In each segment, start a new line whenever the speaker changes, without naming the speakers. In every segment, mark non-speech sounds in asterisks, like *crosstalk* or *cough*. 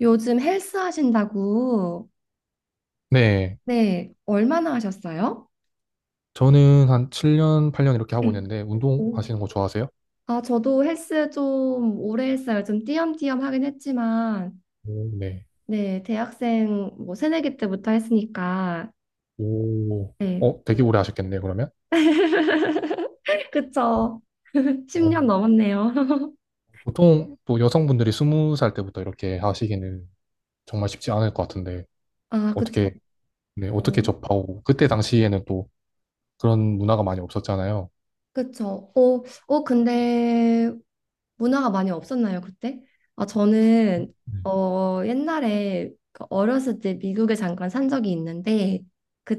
요즘 헬스 하신다고.
네.
네, 얼마나 하셨어요?
저는 한 7년, 8년 이렇게 하고
응.
있는데,
오.
운동하시는 거 좋아하세요?
아, 저도 헬스 좀 오래 했어요. 좀 띄엄띄엄 하긴 했지만,
오, 네.
네, 대학생 뭐 새내기 때부터 했으니까,
오,
네,
어, 되게 오래 하셨겠네요, 그러면.
*laughs* 그쵸. *laughs*
어,
10년 넘었네요. *laughs*
보통 또 여성분들이 20살 때부터 이렇게 하시기는 정말 쉽지 않을 것 같은데,
아, 그쵸.
어떻게, 네, 어떻게
어,
접하고, 그때 당시에는 또 그런 문화가 많이 없었잖아요.
그쵸. 근데 문화가 많이 없었나요, 그때? 아, 저는
네.
어, 옛날에 그 어렸을 때 미국에 잠깐 산 적이 있는데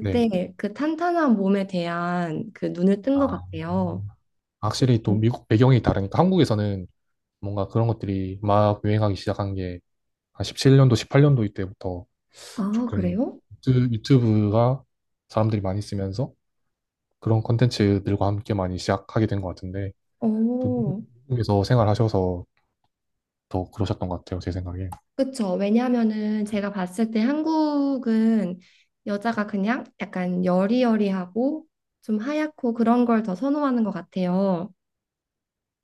네.
그 탄탄한 몸에 대한 그 눈을 뜬 것
아,
같아요.
확실히 또 미국 배경이 다르니까, 한국에서는 뭔가 그런 것들이 막 유행하기 시작한 게, 한 17년도, 18년도 이때부터
아,
조금
그래요?
유튜브가 사람들이 많이 쓰면서 그런 콘텐츠들과 함께 많이 시작하게 된 것 같은데 또
어,
미국에서 생활하셔서 더 그러셨던 것 같아요, 제 생각에.
그쵸. 왜냐하면은 제가 봤을 때 한국은 여자가 그냥 약간 여리여리하고 좀 하얗고 그런 걸 더 선호하는 것 같아요.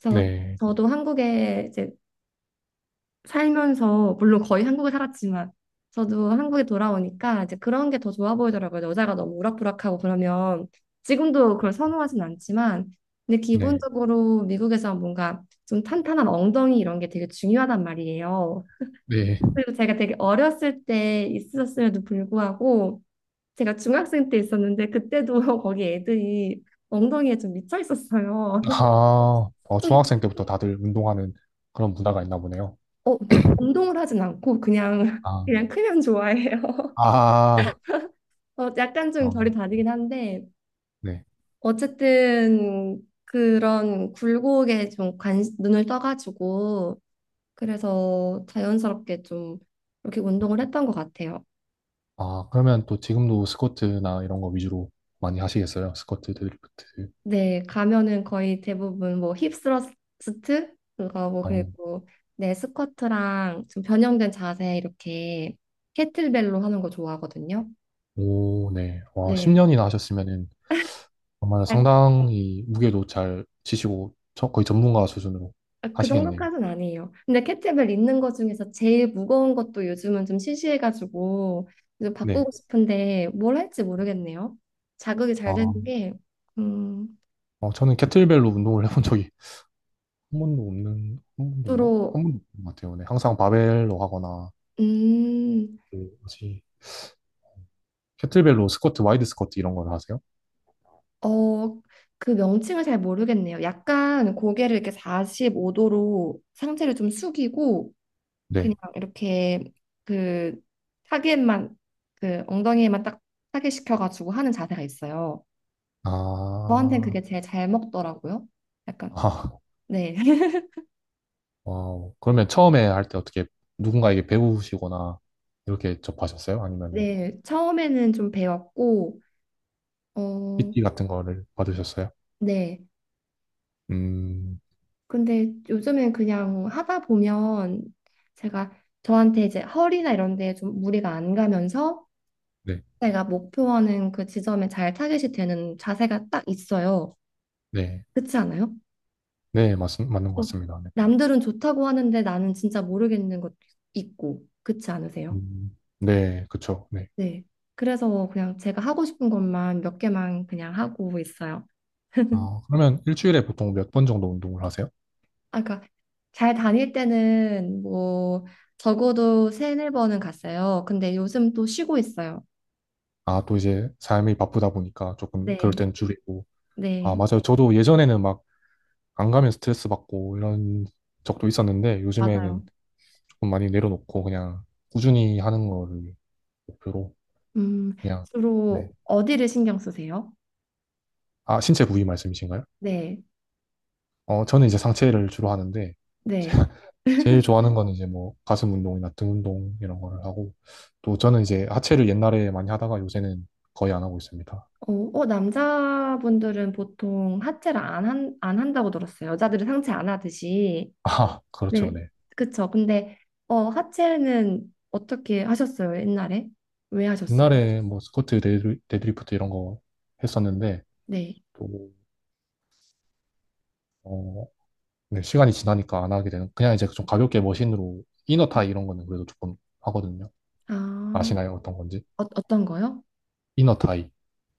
그래서
네,
저도 한국에 이제 살면서 물론 거의 한국에 살았지만 저도 한국에 돌아오니까 이제 그런 게 더 좋아 보이더라고요. 여자가 너무 우락부락하고 그러면 지금도 그걸 선호하진 않지만 근데
네,
기본적으로 미국에서 뭔가 좀 탄탄한 엉덩이 이런 게 되게 중요하단 말이에요.
네.
그리고 제가 되게 어렸을 때 있었음에도 불구하고 제가 중학생 때 있었는데 그때도 *laughs* 거기 애들이 엉덩이에 좀 미쳐 있었어요. *laughs*
아, 어,
좀
중학생 때부터 다들 운동하는 그런 문화가 있나 보네요.
어, 근데 운동을 하진 않고 그냥
아,
그냥 크면 좋아해요.
아,
어, 약간 좀 결이
음,
다르긴 한데,
네.
어쨌든 그런 굴곡에 좀 관, 눈을 떠가지고, 그래서 자연스럽게 좀 이렇게 운동을 했던 것 같아요.
아, 그러면 또 지금도 스쿼트나 이런 거 위주로 많이 하시겠어요? 스쿼트, 데드리프트.
네, 가면은 거의 대부분 뭐 힙스러스트? 그거 뭐
어,
그리고 네, 스쿼트랑 좀 변형된 자세 이렇게 캐틀벨로 하는 거 좋아하거든요.
오, 네. 와,
네.
10년이나 하셨으면은 정말 상당히 무게도 잘 치시고 거의 전문가 수준으로
아, 그
하시겠네요.
정도까지는 아니에요. 근데 캐트벨 있는 것 중에서 제일 무거운 것도 요즘은 좀 시시해가지고 좀
네.
바꾸고 싶은데 뭘 할지 모르겠네요. 자극이 잘 되는
아,
게 음,
어, 저는 캐틀벨로 운동을 해본 적이 한 번도 없는, 한 번도 없나?
주로
한 번도 없는 것 같아요. 네. 항상 바벨로 하거나,
음,
그, 뭐지, 캐틀벨로 스쿼트, 와이드 스쿼트 이런 걸 하세요?
어, 그 명칭을 잘 모르겠네요. 약간 고개를 이렇게 45도로 상체를 좀 숙이고 그냥
네.
이렇게 그 타겟만 그 엉덩이에만 딱 타겟시켜가지고 하는 자세가 있어요. 저한텐
아,
그게 제일 잘 먹더라고요. 약간,
아,
네. *laughs*
와우. 그러면 처음에 할 때 어떻게 누군가에게 배우시거나 이렇게 접하셨어요? 아니면은
네. 처음에는 좀 배웠고, 어,
PT 같은 거를 받으셨어요?
네.
음,
근데 요즘엔 그냥 하다 보면 제가 저한테 이제 허리나 이런 데에 좀 무리가 안 가면서
네.
제가 목표하는 그 지점에 잘 타겟이 되는 자세가 딱 있어요.
네.
그렇지 않아요?
네, 맞는 것
어,
같습니다.
남들은 좋다고 하는데 나는 진짜 모르겠는 것도 있고, 그렇지 않으세요?
네, 그쵸. 네.
네. 그래서 그냥 제가 하고 싶은 것만 몇 개만 그냥 하고 있어요.
아, 그러면 일주일에 보통 몇 번 정도 운동을 하세요?
아, 그러니까 잘 다닐 때는 뭐 적어도 세네 번은 갔어요. 근데 요즘 또 쉬고 있어요.
아, 또 이제 삶이 바쁘다 보니까 조금 그럴
네,
땐 줄이고. 아,
네,
맞아요. 저도 예전에는 막 안 가면 스트레스 받고 이런 적도 있었는데 요즘에는
맞아요.
조금 많이 내려놓고 그냥 꾸준히 하는 거를 목표로
음,
그냥, 네.
주로 어디를 신경 쓰세요?
아, 신체 부위 말씀이신가요?
네,
어, 저는 이제 상체를 주로 하는데
네.
제일 좋아하는 건 이제 뭐 가슴 운동이나 등 운동 이런 거를 하고 또 저는 이제 하체를 옛날에 많이 하다가 요새는 거의 안 하고 있습니다.
어, 어, 남자분들은 보통 하체를 안 한다고 들었어요. 여자들은 상체 안 하듯이.
*laughs* 아, 그렇죠.
네,
네.
그쵸. 근데 어, 하체는 어떻게 하셨어요? 옛날에? 왜 하셨어요?
옛날에 뭐 스쿼트, 데드리프트 이런 거 했었는데
네.
또 어, 네, 시간이 지나니까 안 하게 되는 그냥 이제 좀 가볍게 머신으로 이너 타이 이런 거는 그래도 조금 하거든요.
아,
아시나요? 어떤 건지?
어, 어떤 거요?
이너 타이.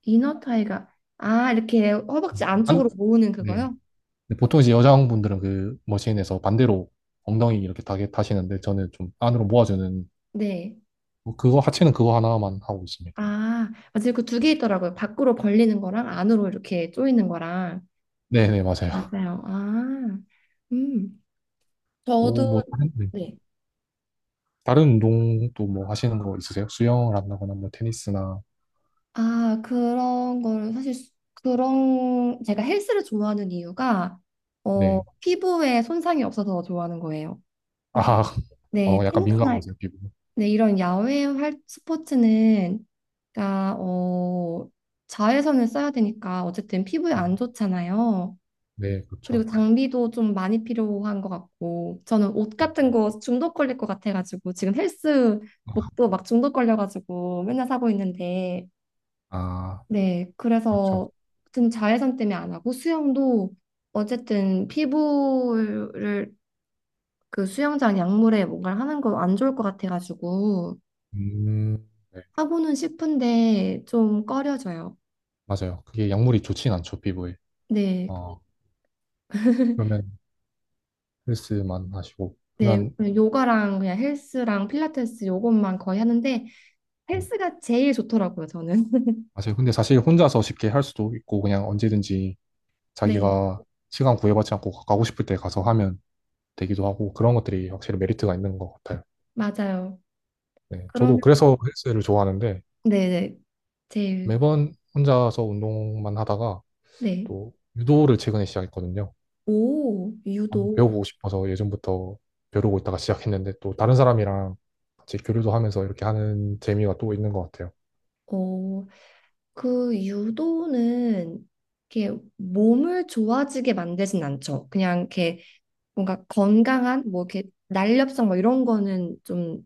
이너 타이가 아, 이렇게 허벅지
안,
안쪽으로 모으는
네.
그거요?
근데 보통 이제 여자분들은 그 머신에서 반대로 엉덩이 이렇게 타게 타시는데 저는 좀 안으로 모아주는
네.
뭐 그거 하체는 그거 하나만 하고 있습니다.
아, 맞아요. 그 두 개 있더라고요. 밖으로 벌리는 거랑 안으로 이렇게 조이는 거랑
네네 맞아요.
맞아요. 아, 음.
또 뭐
저도
다른 네.
네.
다른 운동 또 뭐 하시는 거 있으세요? 수영을 한다거나 뭐 테니스나
아, 그런 걸 사실 수- 그런 제가 헬스를 좋아하는 이유가 어,
네.
피부에 손상이 없어서 좋아하는 거예요. 그러니까
아,
네,
어 약간
테니스나
민감하세요 피부.
근데 이런 야외 활 스포츠는 그러니까 어, 자외선을 써야 되니까 어쨌든 피부에 안 좋잖아요.
네
그리고
그렇죠.
장비도 좀 많이 필요한 것 같고 저는 옷 같은 거 중독 걸릴 것 같아가지고 지금 헬스복도 막 중독 걸려가지고 맨날 사고 있는데
아
네,
그렇죠.
그래서 아무튼 자외선 때문에 안 하고 수영도 어쨌든 피부를 그 수영장 약물에 뭔가를 하는 거 안 좋을 것 같아가지고
음, 네
하고는 싶은데 좀 꺼려져요.
맞아요. 그게 약물이 좋진 않죠 피부에.
네.
어 그러면 헬스만 하시고
네,
그러면
그냥 요가랑 그냥 헬스랑 필라테스 요것만 거의 하는데
음,
헬스가 제일 좋더라고요, 저는. *laughs*
맞아요. 근데 사실 혼자서 쉽게 할 수도 있고 그냥 언제든지
네,
자기가 시간 구애받지 않고 가고 싶을 때 가서 하면 되기도 하고 그런 것들이 확실히 메리트가 있는 것 같아요.
맞아요.
네, 저도
그러면
그래서 헬스를 좋아하는데
네, 네. 제일
매번 혼자서 운동만 하다가
네.
또 유도를 최근에 시작했거든요.
오,
한번
유도.
배워보고 싶어서 예전부터 배우고 있다가 시작했는데 또 다른 사람이랑 같이 교류도 하면서 이렇게 하는 재미가 또 있는 것 같아요.
어, 그 유도는 이렇게 몸을 좋아지게 만들진 않죠. 그냥 이렇게 뭔가 건강한 뭐 이렇게 날렵성 뭐 이런 거는 좀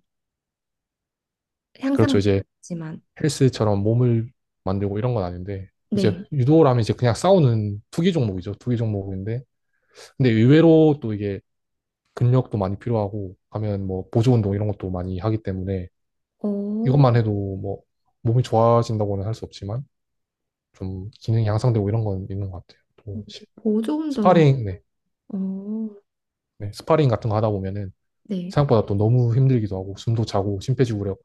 그렇죠. 이제
향상되지만
헬스처럼 몸을 만들고 이런 건 아닌데 이제
네.
유도라면 이제 그냥 싸우는 투기 종목이죠. 투기 종목인데 근데 의외로 또 이게 근력도 많이 필요하고 하면 뭐 보조 운동 이런 것도 많이 하기 때문에
어,
이것만 해도 뭐 몸이 좋아진다고는 할 수 없지만 좀 기능이 향상되고 이런 건 있는 것 같아요. 또
보조 운동은
스파링, 네,
어,
네, 스파링 같은 거 하다 보면은
네.
생각보다 또 너무 힘들기도 하고 숨도 차고 심폐지구력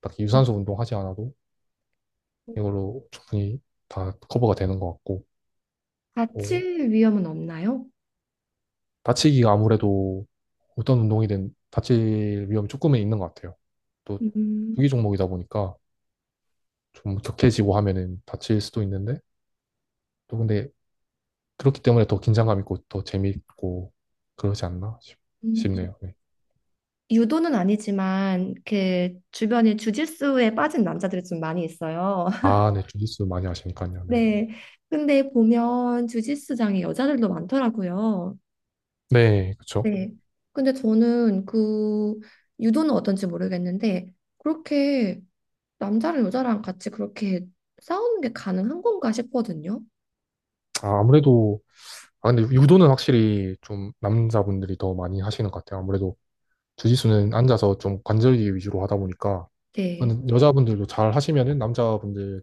딱히
음,
유산소 운동 하지 않아도 이걸로 충분히 다 커버가 되는 것 같고 뭐
다칠 위험은 없나요?
다치기가 아무래도 어떤 운동이든 다칠 위험이 조금은 있는 것 같아요. 또
음,
투기 종목이다 보니까 좀 격해지고 하면은 다칠 수도 있는데 또 근데 그렇기 때문에 더 긴장감 있고 더 재미있고 그러지 않나
음.
싶네요. 네.
유도는 아니지만 그 주변에 주짓수에 빠진 남자들이 좀 많이 있어요. *laughs*
아, 네. 주짓수 많이 하시니까요 네.
네. 근데 보면 주짓수장에 여자들도 많더라고요.
네, 그쵸.
네. 근데 저는 그 유도는 어떤지 모르겠는데 그렇게 남자랑 여자랑 같이 그렇게 싸우는 게 가능한 건가 싶거든요.
아, 아무래도, 아, 근데 유도는 확실히 좀 남자분들이 더 많이 하시는 것 같아요. 아무래도 주짓수는 앉아서 좀 관절기 위주로 하다 보니까,
네.
근데 여자분들도 잘 하시면은 남자분들을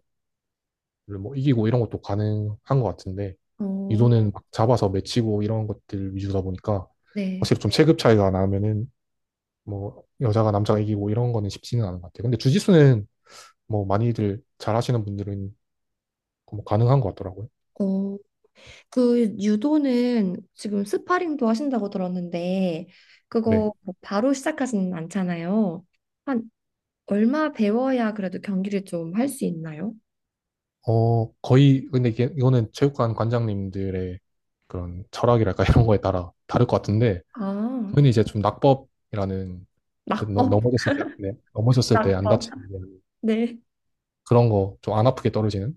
뭐 이기고 이런 것도 가능한 것 같은데,
어,
유도는 막 잡아서 맺히고 이런 것들 위주다 보니까,
네.
확실히 좀 체급 차이가 나면은 뭐 여자가 남자가 이기고 이런 거는 쉽지는 않은 것 같아요. 근데 주짓수는 뭐 많이들 잘 하시는 분들은 뭐 가능한 것 같더라고요.
어. 그 유도는 지금 스파링도 하신다고 들었는데
네.
그거 뭐 바로 시작하지는 않잖아요. 한 얼마 배워야 그래도 경기를 좀 할 수 있나요?
어, 거의 근데 이게 이거는 체육관 관장님들의 그런 철학이랄까 *laughs* 이런 거에 따라 다를 것 같은데
아,
저는 이제 좀 낙법이라는 그
낙법,
넘어졌을 때, 네, 넘어졌을 때 안
낙법.
다치는
네.
그런 거 좀 안 아프게 떨어지는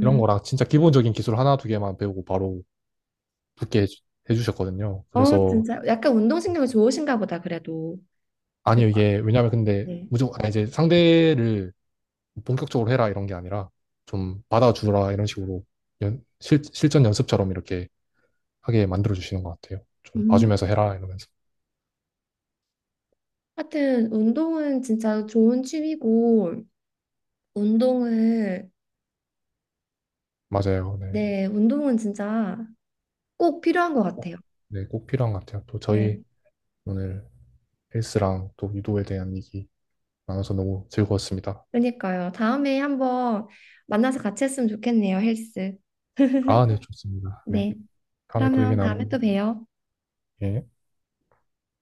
이런 거랑 진짜 기본적인 기술 하나 두 개만 배우고 바로 붙게 해주셨거든요.
어,
그래서
진짜 약간 운동신경이 좋으신가 보다 그래도. 그,
아니요 이게 왜냐면 근데
네.
무조건 아, 이제 상대를 본격적으로 해라 이런 게 아니라 좀 받아주라 이런 식으로 실전 연습처럼 이렇게 하게 만들어 주시는 것 같아요. 좀
음,
봐주면서 해라 이러면서.
하여튼 운동은 진짜 좋은 취미고 운동을
맞아요. 네.
네, 운동은 진짜 꼭 필요한 것
꼭,
같아요.
네, 꼭 필요한 것 같아요. 또
네.
저희 오늘 헬스랑 또 유도에 대한 얘기 나눠서 너무 즐거웠습니다.
그러니까요. 다음에 한번 만나서 같이 했으면 좋겠네요, 헬스.
아, 네, 좋습니다. 네.
네.
다음에 또 얘기
그러면
나눠요.
다음에 또 봬요.
예.